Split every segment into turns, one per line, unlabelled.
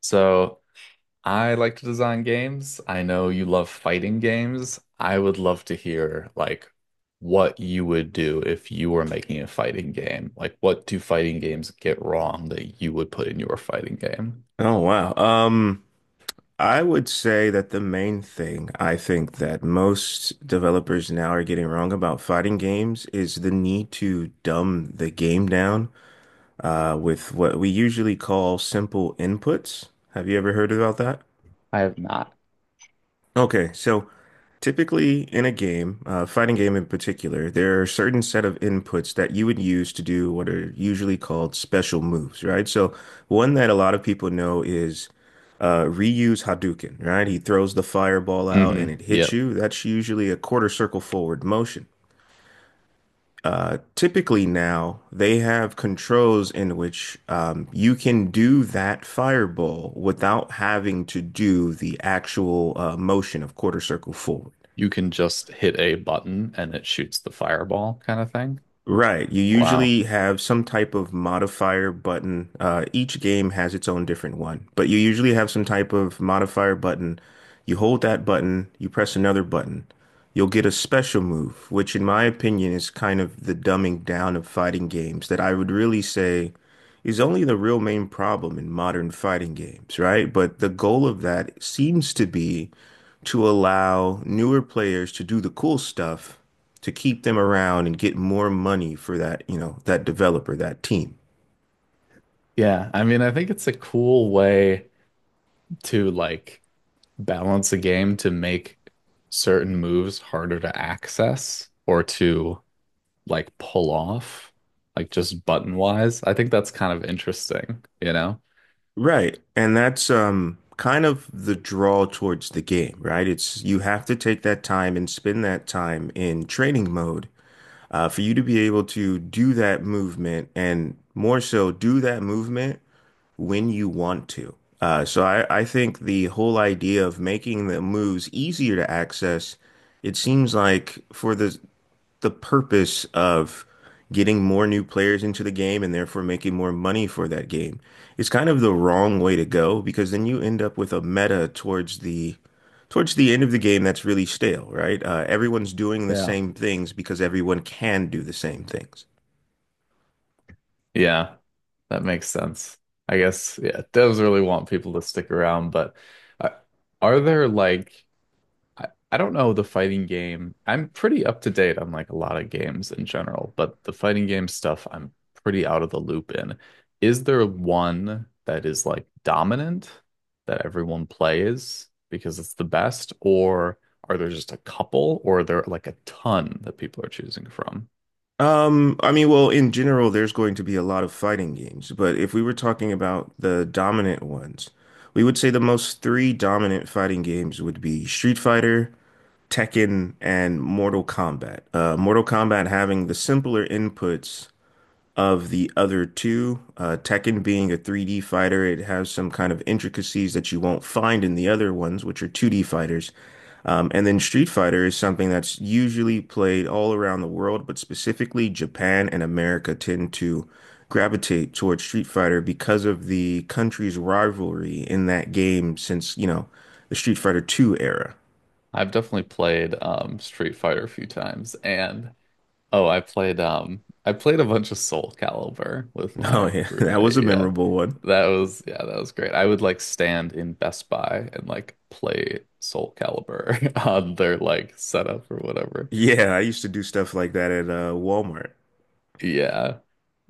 So I like to design games. I know you love fighting games. I would love to hear what you would do if you were making a fighting game. Like what do fighting games get wrong that you would put in your fighting game?
Oh wow. I would say that the main thing I think that most developers now are getting wrong about fighting games is the need to dumb the game down with what we usually call simple inputs. Have you ever heard about that?
I have not.
Okay, so typically in a game, fighting game in particular, there are certain set of inputs that you would use to do what are usually called special moves, right? So one that a lot of people know is Ryu's Hadouken, right? He throws the fireball out and it hits
Yep.
you. That's usually a quarter circle forward motion. Typically now they have controls in which you can do that fireball without having to do the actual motion of quarter circle forward.
You can just hit a button and it shoots the fireball kind of thing.
Right. You
Wow.
usually have some type of modifier button. Each game has its own different one, but you usually have some type of modifier button. You hold that button, you press another button. You'll get a special move, which in my opinion is kind of the dumbing down of fighting games that I would really say is only the real main problem in modern fighting games, right? But the goal of that seems to be to allow newer players to do the cool stuff to keep them around and get more money for that, you know, that developer, that team.
Yeah, I mean, I think it's a cool way to balance a game to make certain moves harder to access or to like pull off, like just button wise. I think that's kind of interesting, you know?
Right. And that's kind of the draw towards the game, right? It's you have to take that time and spend that time in training mode for you to be able to do that movement and more so do that movement when you want to. So I think the whole idea of making the moves easier to access, it seems like for the purpose of getting more new players into the game and therefore making more money for that game. It's kind of the wrong way to go because then you end up with a meta towards the end of the game that's really stale, right? Everyone's doing the
Yeah.
same things because everyone can do the same things.
Yeah, that makes sense. I guess, yeah, devs really want people to stick around, but uh, are there I don't know the fighting game. I'm pretty up to date on like a lot of games in general, but the fighting game stuff I'm pretty out of the loop in. Is there one that is like dominant that everyone plays because it's the best, or are there just a couple, or are there like a ton that people are choosing from?
I mean, well, in general, there's going to be a lot of fighting games, but if we were talking about the dominant ones, we would say the most three dominant fighting games would be Street Fighter, Tekken and Mortal Kombat. Mortal Kombat having the simpler inputs of the other two. Tekken being a 3D fighter, it has some kind of intricacies that you won't find in the other ones, which are 2D fighters. And then Street Fighter is something that's usually played all around the world, but specifically Japan and America tend to gravitate towards Street Fighter because of the country's rivalry in that game since, you know, the Street Fighter Two era.
I've definitely played Street Fighter a few times, and Oh, I played a bunch of Soul Calibur with
No,
my
yeah, that was
roommate.
a
Yeah.
memorable one.
That was Yeah, that was great. I would like stand in Best Buy and like play Soul Calibur on their like setup or whatever.
Yeah, I used to do stuff like that at Walmart.
Yeah.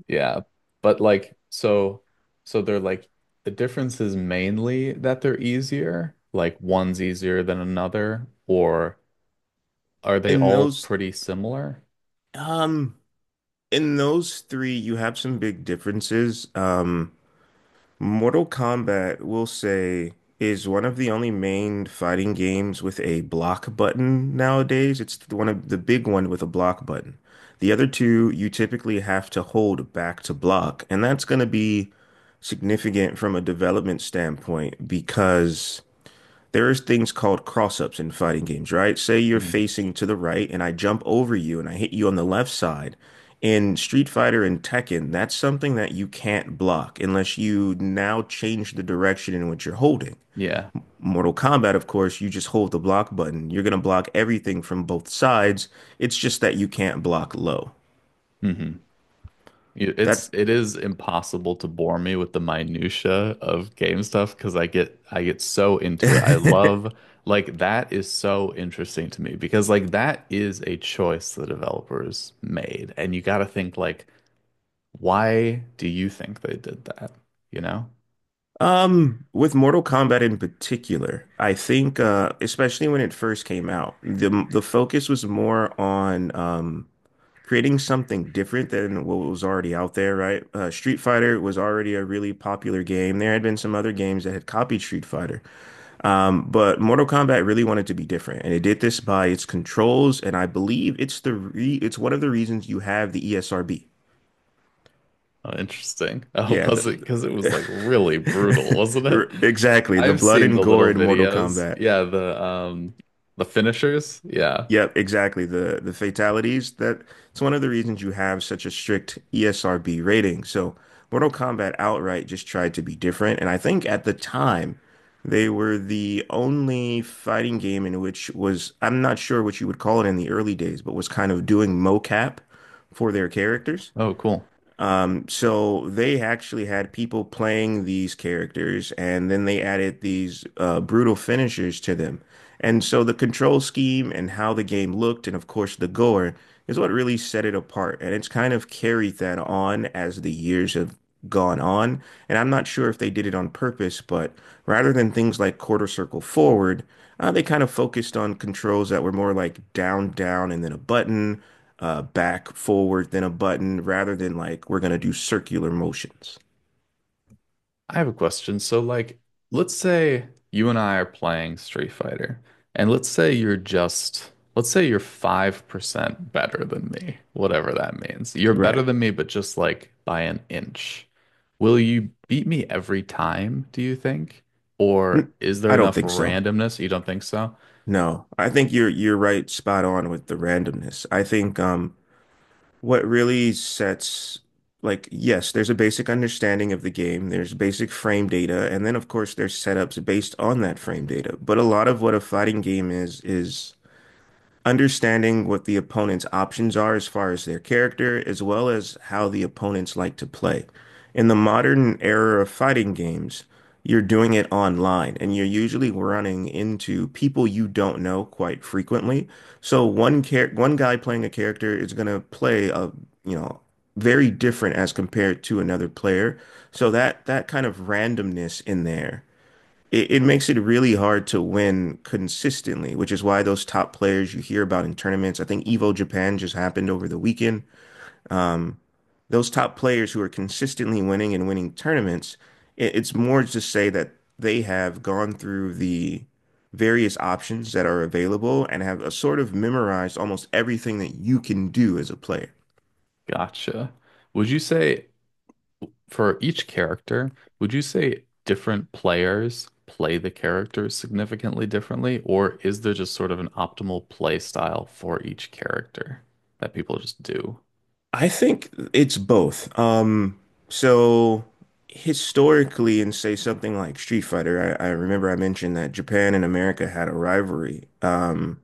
Yeah. But they're like the difference is mainly that they're easier, like one's easier than another, or are they
In
all
those,
pretty similar?
um, in those three, you have some big differences. Mortal Kombat, we'll say, is one of the only main fighting games with a block button nowadays. It's the one of the big one with a block button. The other two, you typically have to hold back to block, and that's going to be significant from a development standpoint because. There's things called cross-ups in fighting games, right? Say you're
Mhm.
facing to the right and I jump over you and I hit you on the left side. In Street Fighter and Tekken, that's something that you can't block unless you now change the direction in which you're holding.
Yeah.
Mortal Kombat, of course, you just hold the block button. You're going to block everything from both sides. It's just that you can't block low.
hmm It's
That's
it is impossible to bore me with the minutia of game stuff because I get so into it. I love like that is so interesting to me because like that is a choice the developers made, and you got to think like why do you think they did that? You know?
with Mortal Kombat in particular, I think especially when it first came out, the focus was more on creating something different than what was already out there, right? Street Fighter was already a really popular game. There had been some other games that had copied Street Fighter, but Mortal Kombat really wanted to be different, and it did this by its controls, and I believe it's the re it's one of the reasons you have the ESRB.
Oh, interesting. Oh,
Yeah,
was it because it was
the,
like really brutal, wasn't it?
exactly. The
I've
blood
seen
and
the
gore
little
in Mortal
videos.
Kombat.
Yeah, the finishers. Yeah.
Yep, exactly. The fatalities that it's one of the reasons you have such a strict ESRB rating. So Mortal Kombat outright just tried to be different, and I think at the time they were the only fighting game in which was I'm not sure what you would call it in the early days, but was kind of doing mocap for their characters.
Oh, cool.
So they actually had people playing these characters, and then they added these brutal finishers to them. And so the control scheme and how the game looked, and of course the gore, is what really set it apart. And it's kind of carried that on as the years have gone on. And I'm not sure if they did it on purpose, but rather than things like quarter circle forward, they kind of focused on controls that were more like down, down, and then a button back, forward, then a button, rather than like we're gonna do circular motions.
I have a question. So, like, let's say you and I are playing Street Fighter, and let's say you're 5% better than me, whatever that means. You're better
Right.
than me, but just like by an inch. Will you beat me every time, do you think? Or
N-
is there
I don't
enough
think so.
randomness? You don't think so?
No, I think you're right, spot on with the randomness. I think what really sets like yes, there's a basic understanding of the game, there's basic frame data, and then of course there's setups based on that frame data. But a lot of what a fighting game is understanding what the opponent's options are as far as their character, as well as how the opponents like to play. In the modern era of fighting games, you're doing it online and you're usually running into people you don't know quite frequently. So one guy playing a character is going to play a, you know, very different as compared to another player. So that that kind of randomness in there it makes it really hard to win consistently, which is why those top players you hear about in tournaments, I think Evo Japan just happened over the weekend. Um, those top players who are consistently winning and winning tournaments, it's more to say that they have gone through the various options that are available and have a sort of memorized almost everything that you can do as a player.
Gotcha. Would you say for each character, would you say different players play the characters significantly differently, or is there just sort of an optimal play style for each character that people just do?
I think it's both. So historically, in say something like Street Fighter, I remember I mentioned that Japan and America had a rivalry.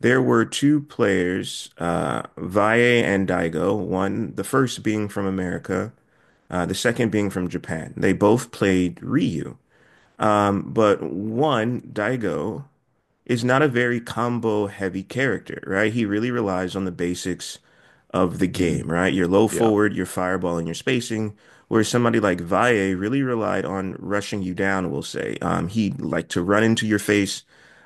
There were two players, Valle and Daigo. One, the first being from America, the second being from Japan. They both played Ryu, but one, Daigo, is not a very combo heavy character, right? He really relies on the basics of the game,
Mhm.
right? Your low
Yeah,
forward, your fireball, and your spacing. Where somebody like Valle really relied on rushing you down, we'll say. He liked to run into your face,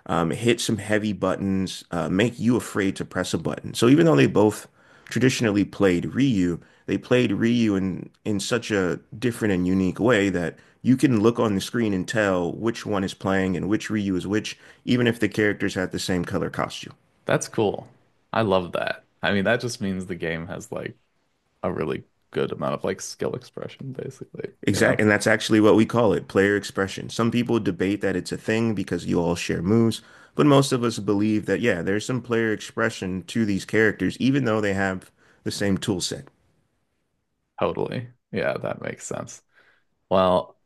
hit some heavy buttons, make you afraid to press a button. So even though they both traditionally played Ryu, they played Ryu in such a different and unique way that you can look on the screen and tell which one is playing and which Ryu is which, even if the characters had the same color costume.
that's cool. I love that. I mean, that just means the game has like a really good amount of like skill expression, basically, you
Exactly,
know?
and that's actually what we call it, player expression. Some people debate that it's a thing because you all share moves, but most of us believe that, yeah, there's some player expression to these characters, even though they have the same tool set.
Totally. Yeah, that makes sense. Well,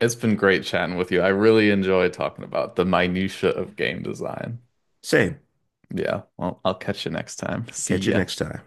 it's been great chatting with you. I really enjoy talking about the minutia of game design.
Same.
Yeah. Well, I'll catch you next time.
Catch
See
you
ya.
next time.